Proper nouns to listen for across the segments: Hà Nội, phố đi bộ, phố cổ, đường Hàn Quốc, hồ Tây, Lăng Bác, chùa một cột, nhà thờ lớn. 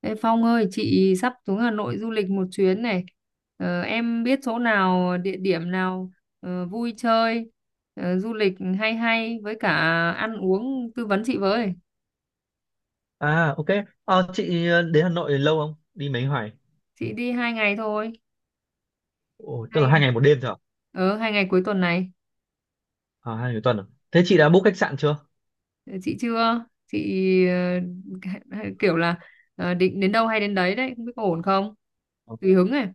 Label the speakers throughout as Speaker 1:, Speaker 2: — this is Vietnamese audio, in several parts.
Speaker 1: Ê Phong ơi, chị sắp xuống Hà Nội du lịch một chuyến này. Em biết chỗ nào, địa điểm nào vui chơi, du lịch hay hay với cả ăn uống tư vấn chị với.
Speaker 2: À, ok. Chị đến Hà Nội lâu không? Đi mấy ngày?
Speaker 1: Chị đi hai ngày thôi,
Speaker 2: Ồ, tức
Speaker 1: hai
Speaker 2: là
Speaker 1: ngày,
Speaker 2: 2 ngày 1 đêm thôi à?
Speaker 1: hai ngày cuối tuần này.
Speaker 2: À, 2 ngày một tuần à? Thế chị đã book khách sạn chưa?
Speaker 1: Ờ, chị chưa, ờ, kiểu là định đến đâu hay đến đấy đấy, không biết có ổn không?
Speaker 2: Ờ.
Speaker 1: Tùy hứng này.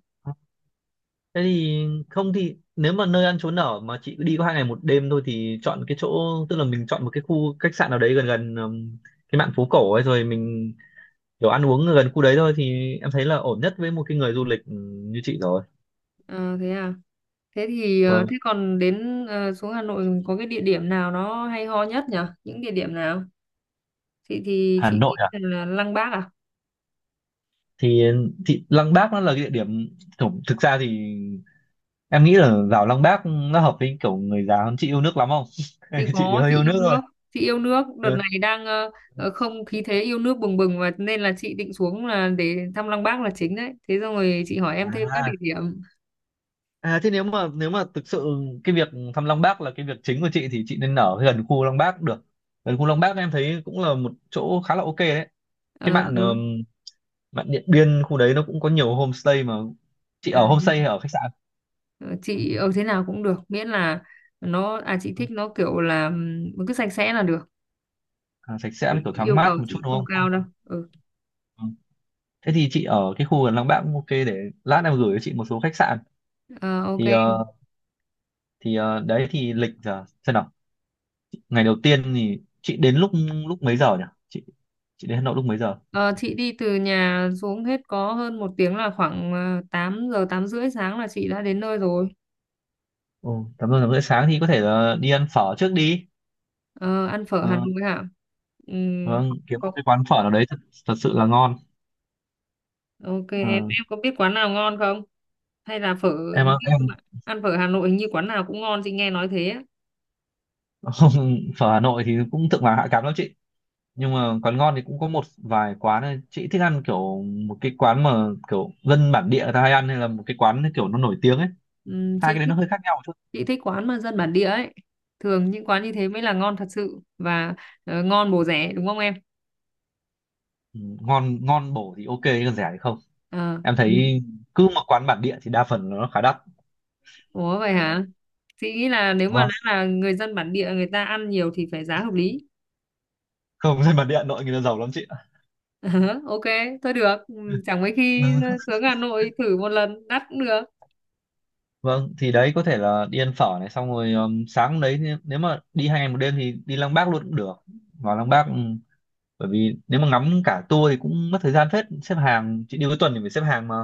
Speaker 2: Thế thì không thì nếu mà nơi ăn trốn ở mà chị cứ đi có 2 ngày 1 đêm thôi thì chọn cái chỗ, tức là mình chọn một cái khu khách sạn nào đấy gần gần cái mạn phố cổ ấy, rồi mình kiểu ăn uống gần khu đấy thôi thì em thấy là ổn nhất với một cái người du lịch như chị rồi.
Speaker 1: Ờ, thế à? Thế thì ờ,
Speaker 2: Vâng.
Speaker 1: thế còn đến xuống Hà Nội có cái địa điểm nào nó hay ho nhất nhỉ? Những địa điểm nào? Chị thì
Speaker 2: Hà
Speaker 1: chị nghĩ
Speaker 2: Nội à?
Speaker 1: là Lăng Bác à?
Speaker 2: Thì thì Lăng Bác nó là cái địa điểm, thực thực ra thì em nghĩ là vào Lăng Bác nó hợp với kiểu người già hơn. Chị yêu nước lắm không?
Speaker 1: Chị
Speaker 2: Chị thì
Speaker 1: có
Speaker 2: hơi
Speaker 1: chị
Speaker 2: yêu
Speaker 1: yêu
Speaker 2: nước thôi.
Speaker 1: nước. Chị yêu nước đợt
Speaker 2: Ừ.
Speaker 1: này đang không khí thế yêu nước bừng bừng và nên là chị định xuống là để thăm Lăng Bác là chính đấy. Thế xong rồi chị hỏi em thêm các địa
Speaker 2: À.
Speaker 1: điểm.
Speaker 2: À, thế nếu mà thực sự cái việc thăm Lăng Bác là cái việc chính của chị thì chị nên ở gần khu Lăng Bác được. Gần khu Lăng Bác em thấy cũng là một chỗ khá là ok đấy. Cái
Speaker 1: Ờ,
Speaker 2: bạn
Speaker 1: ừ.
Speaker 2: Bạn Điện Biên khu đấy nó cũng có nhiều homestay mà. Chị
Speaker 1: à,
Speaker 2: ở homestay hay ở khách sạn?
Speaker 1: ờ, chị ở thế nào cũng được miễn là nó à chị
Speaker 2: Ừ.
Speaker 1: thích nó kiểu là cứ sạch sẽ là được.
Speaker 2: À, sạch sẽ
Speaker 1: Chị
Speaker 2: với kiểu thoáng
Speaker 1: yêu
Speaker 2: mát
Speaker 1: cầu
Speaker 2: một chút
Speaker 1: chị
Speaker 2: đúng
Speaker 1: không
Speaker 2: không? Không.
Speaker 1: cao đâu. Ừ.
Speaker 2: Ừ. Thế thì chị ở cái khu gần Lăng Bác cũng ok, để lát em gửi cho chị một số khách sạn.
Speaker 1: Ờ, ok.
Speaker 2: Thì ờ, Đấy thì lịch giờ xem nào, ngày đầu tiên thì chị đến lúc lúc mấy giờ nhỉ? Chị đến Hà Nội lúc mấy giờ?
Speaker 1: Ờ, chị đi từ nhà xuống hết có hơn một tiếng là khoảng 8 giờ 8 rưỡi sáng là chị đã đến nơi rồi.
Speaker 2: ừ, Tầm giờ rưỡi sáng thì có thể là đi ăn phở trước đi.
Speaker 1: Ờ, ăn phở Hà
Speaker 2: Ờ,
Speaker 1: Nội hả? Ừm,
Speaker 2: vâng, kiếm một
Speaker 1: có,
Speaker 2: cái quán phở nào đấy thật sự là ngon.
Speaker 1: ok em
Speaker 2: Ờ,
Speaker 1: em có biết quán nào ngon không? Hay là phở
Speaker 2: em
Speaker 1: ăn phở Hà Nội hình như quán nào cũng ngon chị nghe nói thế. Á.
Speaker 2: phở Hà Nội thì cũng thượng vàng hạ cám lắm chị, nhưng mà quán ngon thì cũng có một vài quán này. Chị thích ăn kiểu một cái quán mà kiểu dân bản địa người ta hay ăn, hay là một cái quán kiểu nó nổi tiếng ấy?
Speaker 1: Ừm,
Speaker 2: Hai
Speaker 1: chị
Speaker 2: cái đấy
Speaker 1: thích
Speaker 2: nó hơi khác nhau một chút.
Speaker 1: chị thích quán mà dân bản địa ấy. Thường những quán như thế mới là ngon thật sự và ngon bổ rẻ đúng không em?
Speaker 2: Ừ, ngon ngon bổ thì ok, còn rẻ thì không.
Speaker 1: Ờ,
Speaker 2: Em thấy cứ một quán bản địa thì đa phần nó khá đắt.
Speaker 1: ủa vậy hả? Chị nghĩ là nếu mà
Speaker 2: Vâng,
Speaker 1: đã là người dân bản địa người ta ăn nhiều thì phải giá hợp lý.
Speaker 2: không, dân bản địa Hà Nội người ta giàu lắm chị ạ.
Speaker 1: Ok, thôi được. Ừ, chẳng mấy khi
Speaker 2: Ừ,
Speaker 1: xuống Hà Nội thử một lần đắt cũng được.
Speaker 2: vâng, thì đấy có thể là đi ăn phở này, xong rồi sáng hôm đấy nếu nếu mà đi 2 ngày 1 đêm thì đi Lăng Bác luôn cũng được. Vào Lăng Bác, bởi vì nếu mà ngắm cả tour thì cũng mất thời gian phết, xếp hàng, chị đi cuối tuần thì phải xếp hàng mà.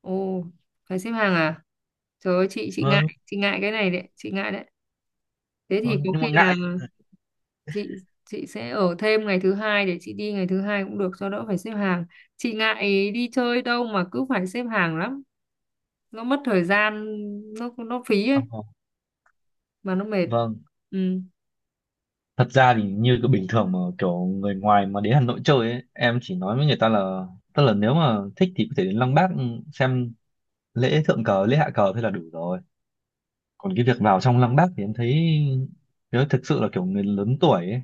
Speaker 1: Ồ, phải xếp hàng à? Trời ơi, chị ngại,
Speaker 2: Vâng,
Speaker 1: chị ngại cái này đấy, chị ngại đấy. Thế thì
Speaker 2: vâng,
Speaker 1: có
Speaker 2: nhưng
Speaker 1: khi
Speaker 2: mà
Speaker 1: là
Speaker 2: ngại.
Speaker 1: chị chị sẽ ở thêm ngày thứ hai để chị đi ngày thứ hai cũng được cho đỡ phải xếp hàng. Chị ngại đi chơi đâu mà cứ phải xếp hàng lắm, nó mất thời gian, nó phí ấy
Speaker 2: Ờ, ờ,
Speaker 1: mà nó mệt.
Speaker 2: vâng,
Speaker 1: Ừ.
Speaker 2: thật ra thì như cái bình thường mà kiểu người ngoài mà đến Hà Nội chơi ấy, em chỉ nói với người ta là tức là nếu mà thích thì có thể đến Lăng Bác, xem lễ thượng cờ, lễ hạ cờ, thế là đủ rồi. Còn cái việc vào trong lăng Bác thì em thấy nếu thực sự là kiểu người lớn tuổi ấy,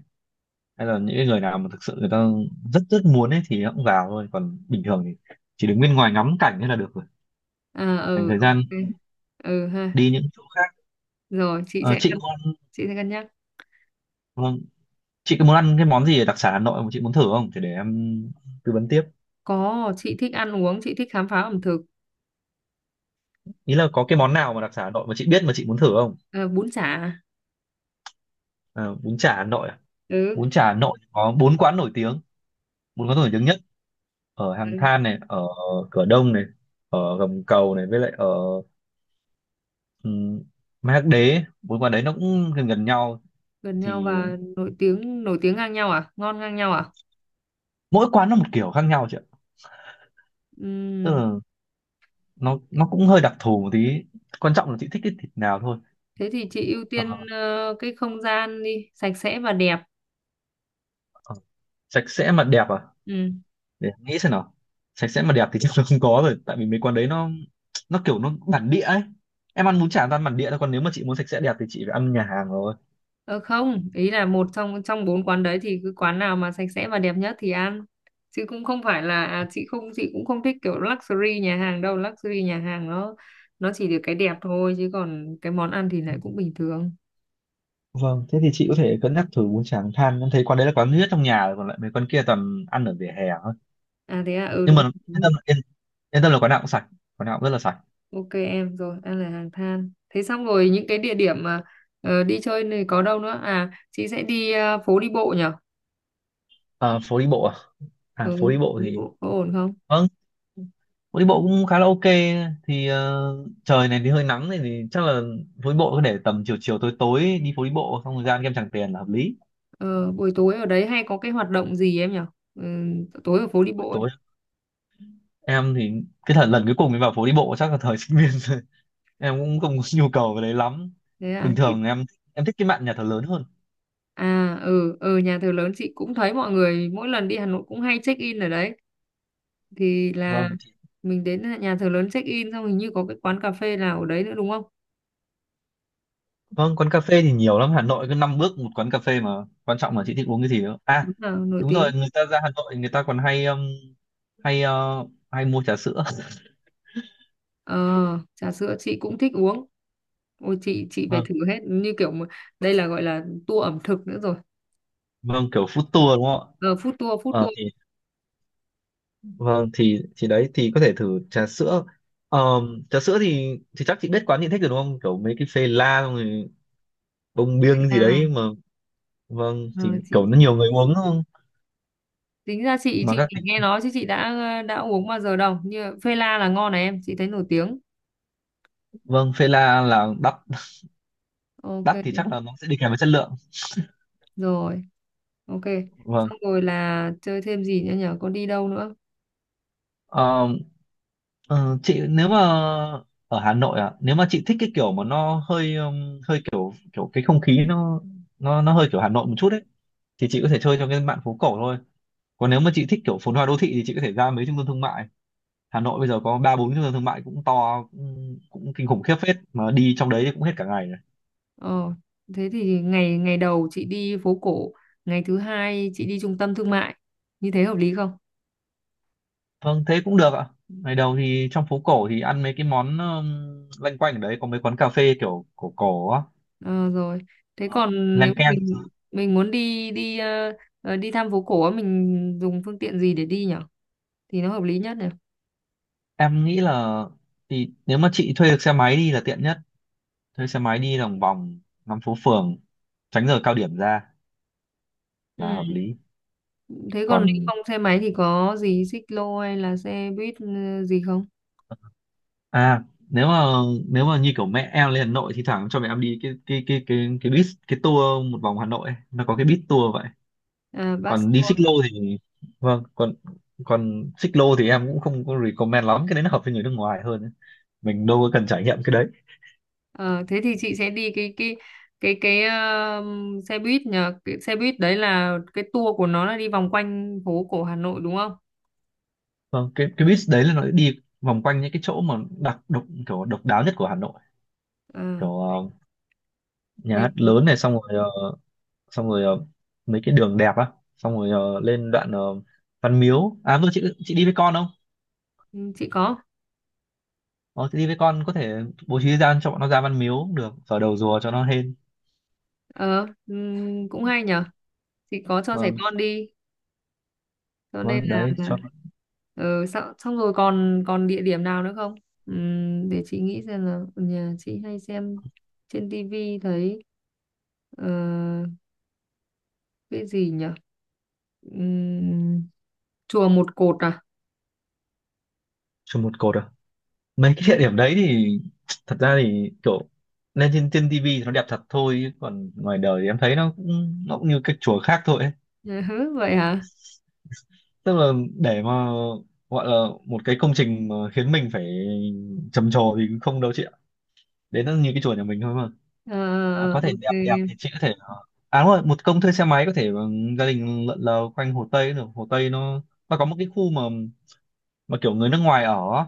Speaker 2: hay là những cái người nào mà thực sự người ta rất rất muốn ấy thì họ cũng vào thôi, còn bình thường thì chỉ đứng bên ngoài ngắm cảnh thế là được rồi,
Speaker 1: À
Speaker 2: dành
Speaker 1: ừ
Speaker 2: thời
Speaker 1: ok.
Speaker 2: gian
Speaker 1: Ừ ha.
Speaker 2: đi những chỗ khác.
Speaker 1: Rồi chị
Speaker 2: Ờ,
Speaker 1: sẽ
Speaker 2: chị
Speaker 1: cân
Speaker 2: có muốn
Speaker 1: chị sẽ cân nhắc.
Speaker 2: vâng, chị có muốn ăn cái món gì ở đặc sản Hà Nội mà chị muốn thử không thì để em tư vấn tiếp?
Speaker 1: Có, chị thích ăn uống, chị thích khám phá ẩm thực.
Speaker 2: Ý là có cái món nào mà đặc sản Hà Nội mà chị biết mà chị muốn thử không?
Speaker 1: Ờ, bún chả à?
Speaker 2: À, bún chả Hà Nội à?
Speaker 1: Ừ,
Speaker 2: Bún chả Hà Nội có 4 quán nổi tiếng, 4 quán nổi tiếng nhất, ở Hàng
Speaker 1: ừ,
Speaker 2: Than này, ở Cửa Đông này, ở Gầm Cầu này, với lại ở ừ, Mác Đế. Bốn quán đấy nó cũng gần gần nhau.
Speaker 1: gần
Speaker 2: Thì
Speaker 1: nhau và nổi tiếng ngang nhau à, ngon ngang nhau à?
Speaker 2: mỗi quán nó một kiểu khác nhau chị ạ, tức
Speaker 1: Ừm,
Speaker 2: là nó cũng hơi đặc thù một tí, quan trọng là chị thích cái thịt nào thôi.
Speaker 1: thế thì chị ưu
Speaker 2: Ờ,
Speaker 1: tiên cái không gian đi sạch sẽ và đẹp.
Speaker 2: ờ. Sạch sẽ mà đẹp à?
Speaker 1: Ừ.
Speaker 2: Để em nghĩ xem nào. Sạch sẽ mà đẹp thì chắc là không có rồi, tại vì mấy quán đấy nó kiểu nó bản địa ấy. Em ăn bún chả toàn bản địa thôi, còn nếu mà chị muốn sạch sẽ đẹp thì chị phải ăn nhà hàng rồi.
Speaker 1: Ờ không, ý là một trong trong bốn quán đấy thì cứ quán nào mà sạch sẽ và đẹp nhất thì ăn, chứ cũng không phải là à, chị cũng không thích kiểu luxury nhà hàng đâu, luxury nhà hàng nó chỉ được cái đẹp thôi chứ còn cái món ăn thì lại cũng bình thường.
Speaker 2: Vâng, thế thì chị có thể cân nhắc thử bún chả than. Em thấy quán đấy là quán duy nhất trong nhà rồi, còn lại mấy quán kia toàn ăn ở vỉa hè thôi.
Speaker 1: À thế à, ừ
Speaker 2: Nhưng
Speaker 1: đúng
Speaker 2: mà
Speaker 1: rồi,
Speaker 2: yên
Speaker 1: đúng
Speaker 2: tâm,
Speaker 1: rồi.
Speaker 2: yên tâm là quán nào cũng sạch, quán nào cũng rất là sạch.
Speaker 1: Ok em rồi, em là hàng than. Thế xong rồi những cái địa điểm mà đi chơi này có đâu nữa? À, chị sẽ đi phố đi bộ nhở?
Speaker 2: Ờ, phố đi bộ à? À,
Speaker 1: Ừ,
Speaker 2: phố đi bộ
Speaker 1: phố đi
Speaker 2: thì
Speaker 1: bộ có ổn không?
Speaker 2: vâng, phố đi bộ cũng khá là ok. Thì trời này thì hơi nắng này thì chắc là phố đi bộ cứ để tầm chiều chiều tối tối đi phố đi bộ, xong rồi ra ăn kem Tràng Tiền là hợp lý.
Speaker 1: Ờ, buổi tối ở đấy hay có cái hoạt động gì em nhở? Ừ, tối ở phố đi
Speaker 2: Buổi
Speaker 1: bộ ấy.
Speaker 2: tối em thì cái thời lần cuối cùng em vào phố đi bộ chắc là thời sinh viên rồi. Em cũng không có nhu cầu về đấy lắm,
Speaker 1: Thế à,
Speaker 2: bình
Speaker 1: chị...
Speaker 2: thường em thích cái mạn nhà thờ lớn hơn.
Speaker 1: À, ừ, ừ, nhà thờ lớn chị cũng thấy mọi người mỗi lần đi Hà Nội cũng hay check in ở đấy. Thì là
Speaker 2: Vâng.
Speaker 1: mình đến nhà thờ lớn check in xong hình như có cái quán cà phê nào ở đấy nữa đúng không?
Speaker 2: Vâng, quán cà phê thì nhiều lắm. Hà Nội cứ 5 bước một quán cà phê mà. Quan trọng là chị thích uống cái gì nữa. À,
Speaker 1: Đúng là nổi
Speaker 2: đúng rồi,
Speaker 1: tiếng.
Speaker 2: người ta ra Hà Nội người ta còn hay hay ờ, hay mua trà sữa.
Speaker 1: Ờ, trà sữa chị cũng thích uống. Ôi chị phải
Speaker 2: Vâng,
Speaker 1: thử hết như kiểu mà, đây là gọi là tour ẩm thực nữa rồi.
Speaker 2: vâng, kiểu food tour đúng không ạ?
Speaker 1: Ờ, food tour, food
Speaker 2: Ờ
Speaker 1: tour.
Speaker 2: thì vâng, thì đấy thì có thể thử trà sữa. Trà sữa thì chắc chị biết quán chị thích rồi đúng không? Kiểu mấy cái Phê La, xong rồi Bông Biêng gì
Speaker 1: à
Speaker 2: đấy mà. Vâng,
Speaker 1: ờ,
Speaker 2: thì
Speaker 1: chị,
Speaker 2: kiểu nó
Speaker 1: chị
Speaker 2: nhiều người uống đúng không?
Speaker 1: tính ra chị
Speaker 2: Mà
Speaker 1: chị
Speaker 2: các
Speaker 1: chỉ nghe nói chứ chị đã uống bao giờ đâu. Như phê la là ngon này em, chị thấy nổi tiếng.
Speaker 2: Vâng, Phê La là đắt,
Speaker 1: Ok
Speaker 2: đắt thì chắc
Speaker 1: em.
Speaker 2: là nó sẽ đi kèm với chất lượng.
Speaker 1: Rồi, ok.
Speaker 2: Vâng.
Speaker 1: Xong rồi là chơi thêm gì nữa nhở? Có đi đâu nữa?
Speaker 2: Ờ, ờ, chị nếu mà ở Hà Nội, à, nếu mà chị thích cái kiểu mà nó hơi kiểu cái không khí nó hơi kiểu Hà Nội một chút ấy thì chị có thể chơi trong cái mạn phố cổ thôi, còn nếu mà chị thích kiểu phồn hoa đô thị thì chị có thể ra mấy trung tâm thương mại. Hà Nội bây giờ có 3 4 trung tâm thương mại cũng to, cũng kinh khủng khiếp phết, mà đi trong đấy thì cũng hết cả ngày rồi.
Speaker 1: Ờ, thế thì ngày ngày đầu chị đi phố cổ, ngày thứ hai chị đi trung tâm thương mại. Như thế hợp lý không?
Speaker 2: Vâng, thế cũng được ạ. Ngày đầu thì trong phố cổ thì ăn mấy cái món loanh quanh ở đấy, có mấy quán cà phê kiểu cổ cổ á.
Speaker 1: Ờ, rồi. Thế
Speaker 2: Ờ,
Speaker 1: còn nếu
Speaker 2: leng
Speaker 1: mà
Speaker 2: keng.
Speaker 1: mình muốn đi đi ờ, ờ, đi thăm phố cổ á, mình dùng phương tiện gì để đi nhở? Thì nó hợp lý nhất nhỉ?
Speaker 2: Em nghĩ là thì nếu mà chị thuê được xe máy đi là tiện nhất, thuê xe máy đi lòng vòng ngắm phố phường, tránh giờ cao điểm ra là hợp
Speaker 1: Ừ.
Speaker 2: lý.
Speaker 1: Thế còn nếu
Speaker 2: Còn
Speaker 1: không xe máy thì có gì xích lô hay là xe buýt gì không?
Speaker 2: à, nếu mà như kiểu mẹ em lên Hà Nội thì thoảng cho mẹ em đi cái bus, cái tour một vòng Hà Nội ấy. Nó có cái bus tour vậy,
Speaker 1: À, bus
Speaker 2: còn đi
Speaker 1: tour.
Speaker 2: xích lô thì vâng, còn còn xích lô thì em cũng không có recommend lắm, cái đấy nó hợp với người nước ngoài hơn ấy. Mình đâu có cần trải nghiệm cái đấy.
Speaker 1: Ờ, thế thì chị sẽ đi cái cái ờ, xe buýt nhờ, cái xe buýt đấy là cái tour của nó là đi vòng quanh phố cổ Hà Nội đúng không?
Speaker 2: Vâng, cái bus đấy là nó đi vòng quanh những cái chỗ mà đặc độc, kiểu độc đáo nhất của Hà Nội,
Speaker 1: Ờ,
Speaker 2: kiểu nhà
Speaker 1: hay
Speaker 2: hát
Speaker 1: quá.
Speaker 2: lớn này, xong rồi ờ, xong rồi mấy cái đường đẹp á, xong rồi lên đoạn Văn Miếu. À vừa, chị đi với con không?
Speaker 1: Ừ, chị có.
Speaker 2: Ờ, chị đi với con có thể bố trí thời gian cho bọn nó ra Văn Miếu cũng được, vào đầu rùa cho nó hên.
Speaker 1: Ờ, ừ, cũng hay nhở. Chị có cho trẻ
Speaker 2: Vâng,
Speaker 1: con đi cho nên
Speaker 2: vâng, đấy
Speaker 1: là-
Speaker 2: cho.
Speaker 1: ừ, xong, xong rồi còn còn địa điểm nào nữa không? Để chị nghĩ xem là nhà chị hay xem trên tivi thấy ờ, cái gì nhỉ. Ừm, chùa một cột à.
Speaker 2: Cho một Cột à? Mấy cái địa điểm đấy thì thật ra thì kiểu lên trên trên tivi thì nó đẹp thật thôi, chứ còn ngoài đời thì em thấy nó cũng như cái chùa khác thôi ấy.
Speaker 1: Ừ, vậy hả.
Speaker 2: Tức là để mà gọi là một cái công trình mà khiến mình phải trầm trồ thì không đâu chị ạ, đấy nó như cái chùa nhà mình thôi mà.
Speaker 1: Ờ,
Speaker 2: À,
Speaker 1: ờ,
Speaker 2: có thể
Speaker 1: ok.
Speaker 2: đẹp đẹp thì chị có thể à đúng rồi, một công thuê xe máy có thể gia đình lượn lờ quanh Hồ Tây được. Hồ Tây nó có một cái khu mà kiểu người nước ngoài ở,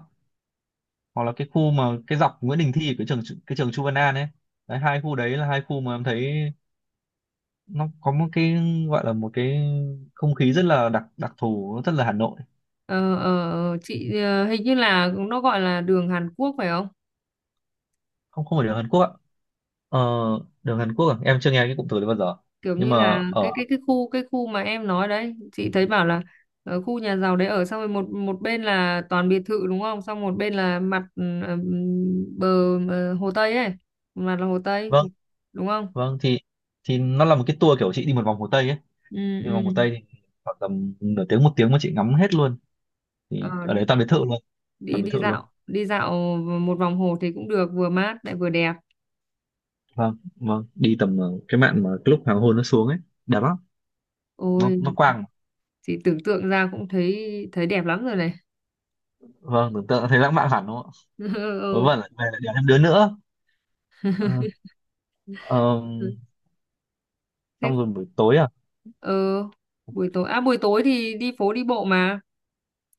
Speaker 2: hoặc là cái khu mà cái dọc Nguyễn Đình Thi, cái trường Chu Văn An ấy. Đấy, hai khu đấy là hai khu mà em thấy nó có một cái, gọi là một cái không khí rất là đặc đặc thù, nó rất là Hà Nội.
Speaker 1: Hình như là nó gọi là đường Hàn Quốc phải không?
Speaker 2: Không, không phải đường Hàn Quốc ạ. ờ, Đường Hàn Quốc à? Em chưa nghe cái cụm từ đấy bao giờ,
Speaker 1: Kiểu
Speaker 2: nhưng
Speaker 1: như
Speaker 2: mà
Speaker 1: là cái
Speaker 2: ở
Speaker 1: cái cái khu cái khu mà em nói đấy chị thấy bảo là ở khu nhà giàu đấy ở, xong rồi một một bên là toàn biệt thự đúng không, xong một bên là mặt bờ hồ Tây ấy, một mặt là hồ Tây
Speaker 2: vâng,
Speaker 1: đúng không.
Speaker 2: vâng, thì nó là một cái tour kiểu chị đi một vòng Hồ Tây ấy,
Speaker 1: Ừ,
Speaker 2: nhưng vòng Hồ
Speaker 1: ừ.
Speaker 2: Tây thì khoảng tầm nửa tiếng một tiếng mà chị ngắm hết luôn, thì
Speaker 1: Ờ,
Speaker 2: ở đấy toàn biệt thự luôn,
Speaker 1: đi
Speaker 2: toàn biệt thự luôn.
Speaker 1: đi dạo một vòng hồ thì cũng được, vừa mát lại vừa đẹp.
Speaker 2: Vâng, vâng, đi tầm cái mạn mà cái lúc hoàng hôn nó xuống ấy đẹp lắm,
Speaker 1: Ôi
Speaker 2: nó quang.
Speaker 1: chị tưởng tượng ra cũng thấy thấy đẹp lắm rồi này.
Speaker 2: Vâng, tưởng tượng thấy lãng mạn hẳn đúng không ạ? Vớ
Speaker 1: Ừ,
Speaker 2: vẩn là về lại đèo thêm đứa nữa. Ờ, ờ,
Speaker 1: ừ. Thế
Speaker 2: xong rồi buổi tối à,
Speaker 1: ờ, buổi tối à, buổi tối thì đi phố đi bộ mà.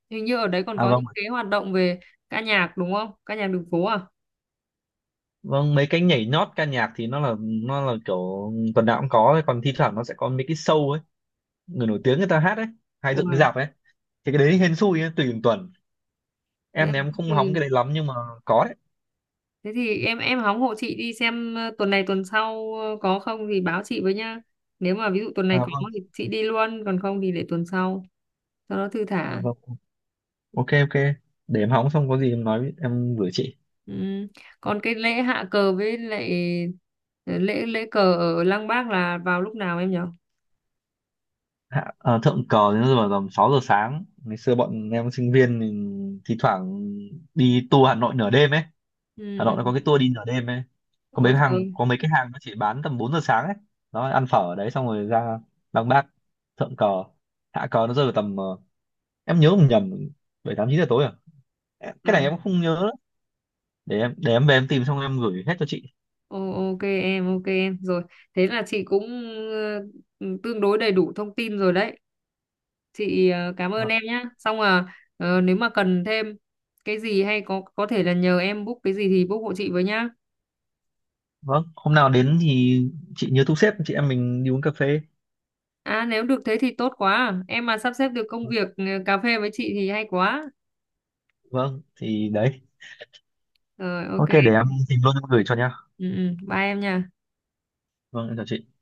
Speaker 1: Hình như ở đấy còn
Speaker 2: à
Speaker 1: có
Speaker 2: vâng,
Speaker 1: những cái hoạt động về ca nhạc đúng không? Ca nhạc đường phố à?
Speaker 2: vâng, mấy cái nhảy nhót ca nhạc thì nó là kiểu tuần nào cũng có ấy, còn thi thoảng nó sẽ có mấy cái show ấy, người nổi tiếng người ta hát ấy, hay dựng
Speaker 1: Ủa,
Speaker 2: cái rạp ấy, thì cái đấy hên xui ấy, tùy từng tuần.
Speaker 1: thế
Speaker 2: Em
Speaker 1: à,
Speaker 2: thì em
Speaker 1: thế
Speaker 2: không hóng
Speaker 1: thì
Speaker 2: cái đấy lắm, nhưng mà có đấy.
Speaker 1: thế thì em hóng hộ chị đi xem tuần này tuần sau có không thì báo chị với nhá. Nếu mà ví dụ tuần này
Speaker 2: À
Speaker 1: có
Speaker 2: vâng,
Speaker 1: thì chị đi luôn, còn không thì để tuần sau cho nó thư
Speaker 2: à
Speaker 1: thả.
Speaker 2: vâng, ok, ok, để em hóng xong có gì em nói em gửi chị.
Speaker 1: Ừ. Còn cái lễ hạ cờ với lại ờ, lễ lễ cờ ở Lăng Bác là vào lúc nào em nhỉ?
Speaker 2: Thượng cờ đến giờ tầm 6 giờ sáng. Ngày xưa bọn em sinh viên thì thi thoảng đi tour Hà Nội nửa đêm ấy.
Speaker 1: Ừ,
Speaker 2: Hà Nội
Speaker 1: ừ.
Speaker 2: nó có cái tour đi nửa đêm ấy,
Speaker 1: Ôi trời.
Speaker 2: có mấy cái hàng nó chỉ bán tầm 4 giờ sáng ấy. Nó ăn phở ở đấy xong rồi ra Lăng Bác thượng cờ. Hạ cờ nó rơi vào tầm em nhớ không nhầm, 7 8 9 giờ tối à? Cái này
Speaker 1: À,
Speaker 2: em cũng không nhớ nữa, để em về em tìm xong em gửi hết cho chị.
Speaker 1: ô- ok em, ok em. Rồi, thế là chị cũng ờ, tương đối đầy đủ thông tin rồi đấy. Chị cảm ơn
Speaker 2: Vâng,
Speaker 1: em nhé. Xong à nếu mà cần thêm cái gì hay có thể là nhờ em book cái gì thì book hộ chị với nhá.
Speaker 2: vâng, hôm nào đến thì chị nhớ thu xếp chị em mình đi uống cà phê.
Speaker 1: À nếu được thế thì tốt quá, em mà sắp xếp được công việc cà phê với chị thì hay quá.
Speaker 2: Vâng, thì đấy,
Speaker 1: Rồi ok.
Speaker 2: ok, để em tìm luôn em gửi cho nhá.
Speaker 1: Ừ, ừ. Bye em nha.
Speaker 2: Vâng, em chào chị.